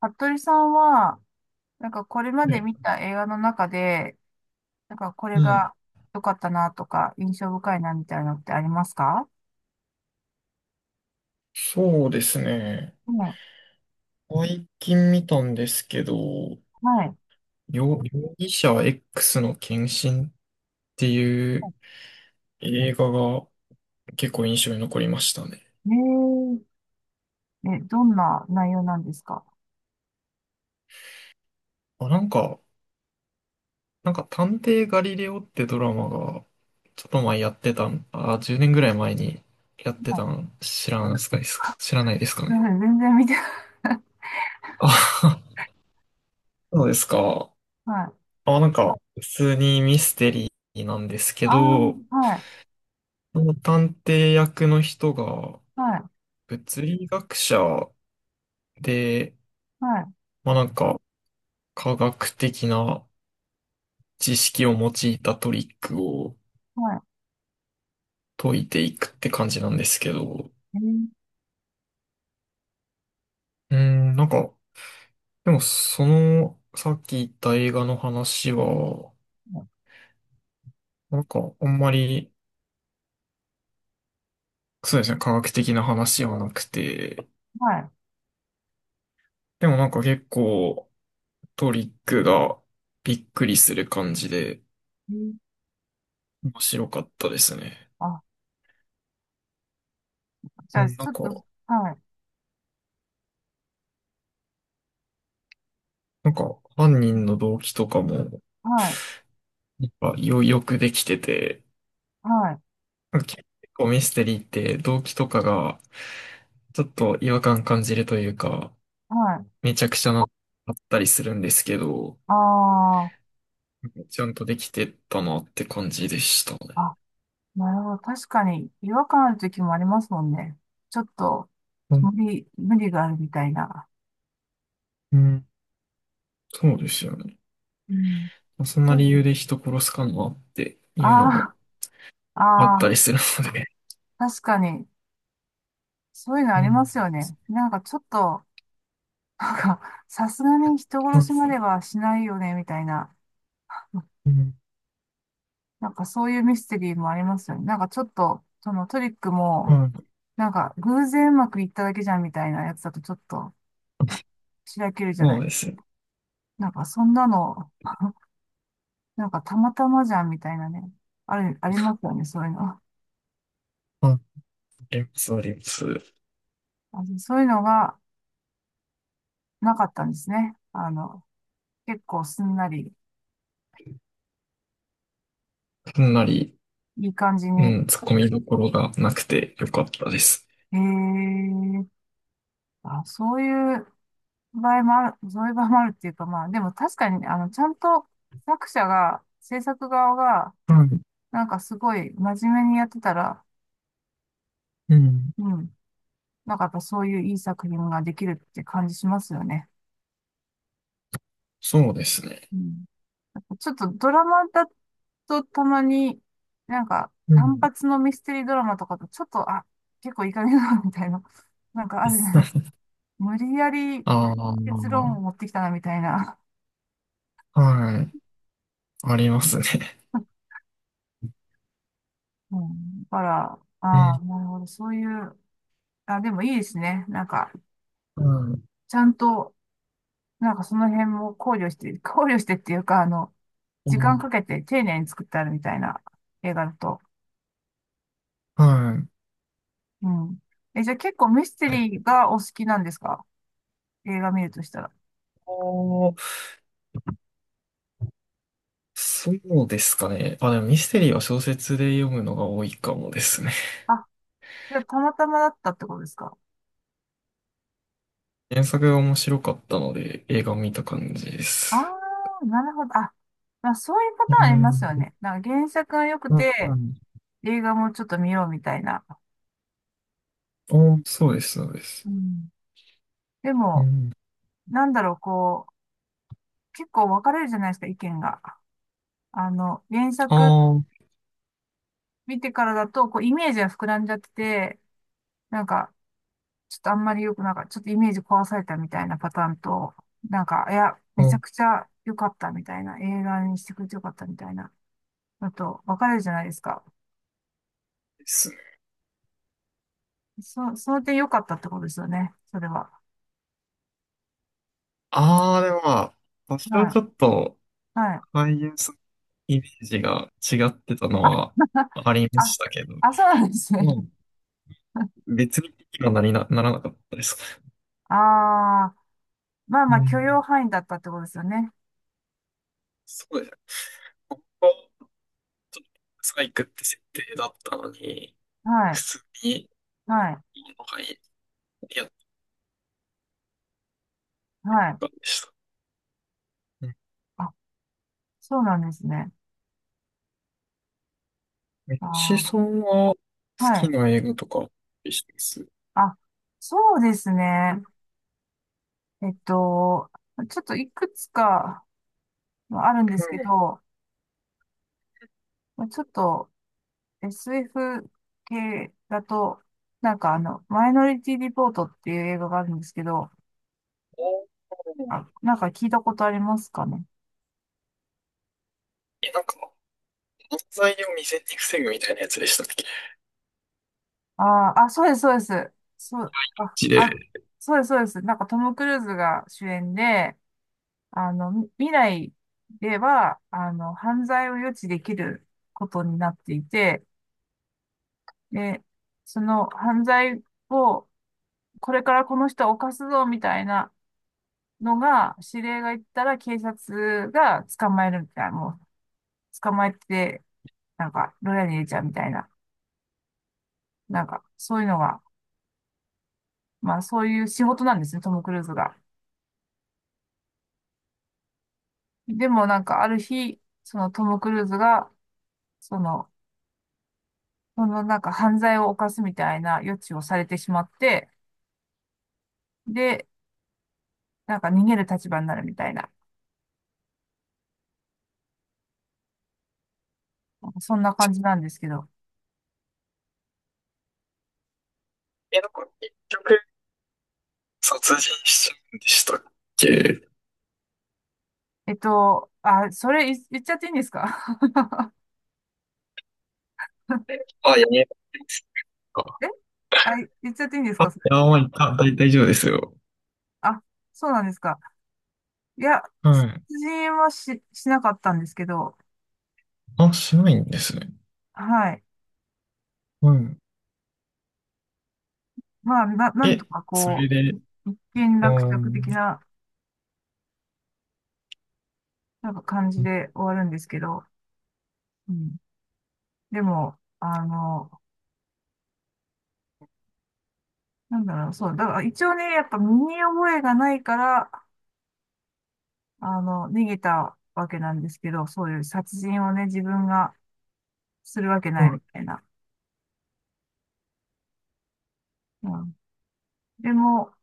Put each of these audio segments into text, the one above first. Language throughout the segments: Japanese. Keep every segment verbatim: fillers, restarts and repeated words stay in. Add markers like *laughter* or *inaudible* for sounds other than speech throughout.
服部さんは、なんかこれまで見え、た映画の中で、なんかこうれん。が良かったなとか、印象深いなみたいなのってありますかそうですね。ね、最近見たんですけど、はい。容、容疑者 X の献身っていう映画が結構印象に残りましたね。えー、え、どんな内容なんですか？あ、なんか、なんか探偵ガリレオってドラマがちょっと前やってたん、あ、じゅうねんぐらい前にやってはたい。ん知らないですか、知らないですすかいまね。せん、全然見てない。あ、*laughs* そうですか。はい。あ、なんか普通にミステリーなんですけあど、あ、はい、その探偵役の人がはい、物理学者で、はい、まあなんか科学的な知識を用いたトリックをは解いていくって感じなんですけど、い。えー、うーん、なんか、でもそのさっき言った映画の話は、なんかあんまりそうですね、科学的な話はなくて、はい。でもなんか結構トリックがびっくりする感じでえー、面白かったですね。あ、じゃうあ、ん、なちんょっと、か、はい、なんか、犯人の動機とかも、やはい、っぱよ、よくできてて、はい、なんか結構ミステリーって動機とかが、ちょっと違和感感じるというか、はい。めちゃくちゃな、あったりするんですけど、ああ、ちゃんとできてたなって感じでしたね。あ、なるほど。確かに違和感ある時もありますもんね。ちょっとうん無理、無理があるみたいな。うんそうですよね。うん。まあそんな理由で人殺すかなっていうのがああ、あっあたあ、りするので。確かに、そういうのあうりまん。すよね。なんかちょっと、なんか、さすがに人そ殺うでしす。まではしないよね、みたいな。うん。なんかそういうミステリーもありますよね。なんかちょっと、そのトリックはも、い。なんか偶然うまくいっただけじゃんみたいなやつだとちょっと、あ、しらけるじゃなそい。うですよ。なんかそんなのなんかたまたまじゃんみたいなね、ある、ありますよね、そういうの。ああります、あります。あ、そういうのがなかったんですね。あの、結構すんなり、かなり。いい感じうに。ん、突っ込みどころがなくてよかったです。へえ、あ、そういう場合もある、そういう場合もあるっていうか、まあ、でも確かにね、あの、ちゃんと作者が、制作側が、はい。なんかすごい真面目にやってたら、うん。うん、なんかやっぱそういういい作品ができるって感じしますよね。そうですね。うん、ちょっとドラマだとたまに、なんかう単ん。発のミステリードラマとかとちょっと、あ、結構いい加減だなみたいな、*laughs* なんかあるじゃないですか。*laughs* 無理やりああ、結論を持ってきたなみたいな。はい。ありますね。*laughs* うん、だから、うあん。あ、なるほど、そういう、あ、でもいいですね。なんか、うん。ちゃんと、なんかその辺も考慮して、*laughs* 考慮してっていうか、あの、う時間ん。かけて丁寧に作ってあるみたいな映画だと。はい。うん。え、じゃあ結構ミステリーがお好きなんですか？映画見るとしたら。お、そうですかね。あ、でもミステリーは小説で読むのが多いかもですね。あ、それたまたまだったってことですか？原作が面白かったので映画を見た感じでああす。ー、なるほど。あ、まあそういうパうターンありますよん。ね。なんか原作が良くうて、ん。映画もちょっと見ようみたいな。お、そうです、そうです。うん。でうも、ん。なんだろう、こう、結構分かれるじゃないですか、意見が。あの、原あ作あ、見てからだと、こう、イメージが膨らんじゃってて、なんか、ちょっとあんまり良くなんか、ちょっとイメージ壊されたみたいなパターンと、なんか、いや、そめちゃうくちゃ良かったみたいな、映画にしてくれて良かったみたいな。だと分かれるじゃないですか。です。そ、その点良かったってことですよね。それは。ああ、でもまあ、多少はちょっと、い。はい。俳優さんのイメージが違ってたのは *laughs* ありまあ、したけど、あ、そうなんですね。まあ、別に気にはなりな、ならなかったですね。ああ、まあうまあ許ん。容範囲だったってことですよね。そうですね。本当、サイクって設定だったのに、は普い。通にはい。いいのがいい、やっはい。たんでした。うん。あ、そうなんですね。ミッチさあんは好あ、はきい。な映画とか、してます。うあ、そうですね。えっと、ちょっといくつかあるんですけん。ど、まあちょっと エスエフ 系だと、なんかあの、マイノリティリポートっていう映画があるんですけど、おー。あ、なんか聞いたことありますかね。え、なんか、犯罪を未然に防ぐみたいなやつでしたっけ？あーあ、そうです、そうです。そう、マあ、ジで。あ、そうです、そうです。なんかトム・クルーズが主演で、あの、み未来では、あの、犯罪を予知できることになっていて、で、その犯罪を、これからこの人を犯すぞ、みたいなのが、指令が言ったら警察が捕まえるみたいな、もう、捕まえて、なんか、牢屋に入れちゃうみたいな、なんか、そういうのが、まあそういう仕事なんですね、トム・クルーズが。でもなんかある日、そのトム・クルーズが、その、そのなんか犯罪を犯すみたいな予知をされてしまって、で、なんか逃げる立場になるみたいな、なんかそんな感じなんですけど。え、なんか、結局、殺人しちゃうんでしたっけ？えっと、あ、それい言っちゃっていいんですか？ あ、やめますか。*laughs* え、あ、言っちゃっていいんですあ、いかそれ？や、まあ、いた大大丈夫ですよ。あ、そうなんですか。いや、は殺い。人はし、しなかったんですけど、あ、しないんですね。はい。うん。まあ、な、なんとえ、かそこれで、う、一件う落着ん。的な、なんか感じで終わるんですけど、うん。でも、あの、なんだろう、そう、だから一応ね、やっぱ身に覚えがないから、あの、逃げたわけなんですけど、そういう殺人をね、自分がするわけうないん。みたいな。うん。でも、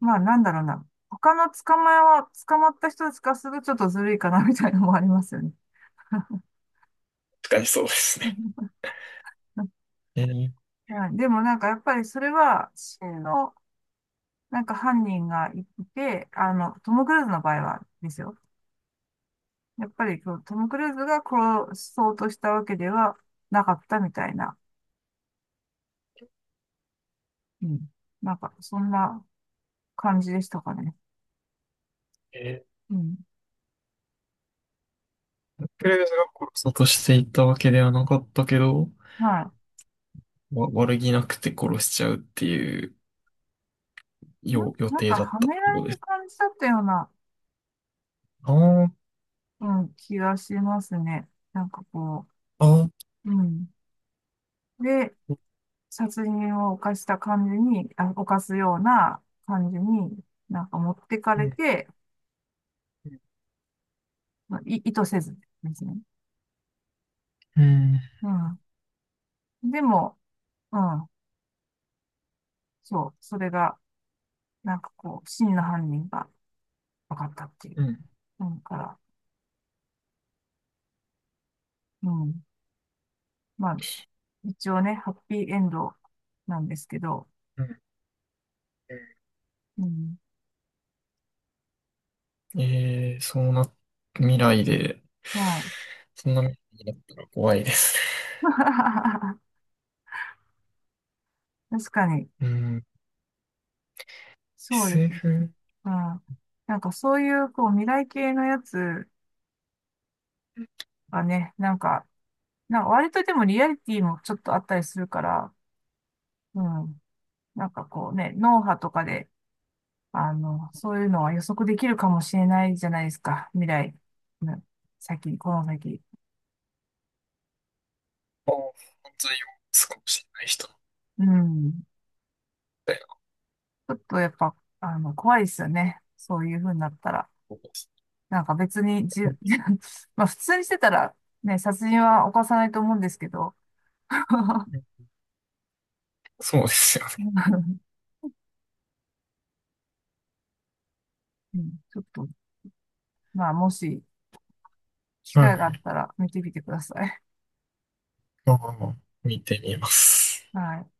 まあなんだろうな、他の捕まえは、捕まった人たちからするとちょっとずるいかなみたいなのもありますよね。確かにそうですね。*laughs* えー、はい、でもなんかやっぱりそれは真のなんか犯人がいて、あの、トム・クルーズの場合はですよ。やっぱりこうトム・クルーズが殺そうとしたわけではなかったみたいな。うん。なんか、そんな感じでしたかね。えうん。ー、クレーズが殺そうとしていたわけではなかったけど、はわ、悪気なくて殺しちゃうっていうい。な、よ予なん定か、だっはたっめらてこれとでるす。感じだったような、ああ、うん、気がしますね。なんかこああ、う、うん。で、殺人を犯した感じに、あ、犯すような感じに、なんか持ってかうれん、て、まあい、意図せずですね。うん、うん。でも、うん。そう。それが、なんかこう、真の犯人が、分かったっていう。うん、うん、なんから、うん。まあ、一応ね、ハッピーエンドなんですけど、うん。うん。ええそうな、未来で、はい。そんな未来になったら怖いです *laughs* 確かね。に、*laughs* うん。そうです。エスエフ、うん。なんかそういう、こう、未来系のやつはね、なんか、なんか割とでもリアリティもちょっとあったりするから、うん。なんかこうね、脳波とかで、あの、そういうのは予測できるかもしれないじゃないですか。未来。うん。先、この先。あ、犯罪を少しれない人みうん。たいなちょっとやっぱ、あの、怖いですよね。そういう風になったら。ことです。なんか別に、じ、*laughs* まあ普通にしてたら、ね、殺人は犯さないと思うんですけど、*laughs* そうですよね。うん、ちょっと、まあもし、機 *laughs* は会があっい。たら見てみてください。まあまあまあ、見てみます。はい。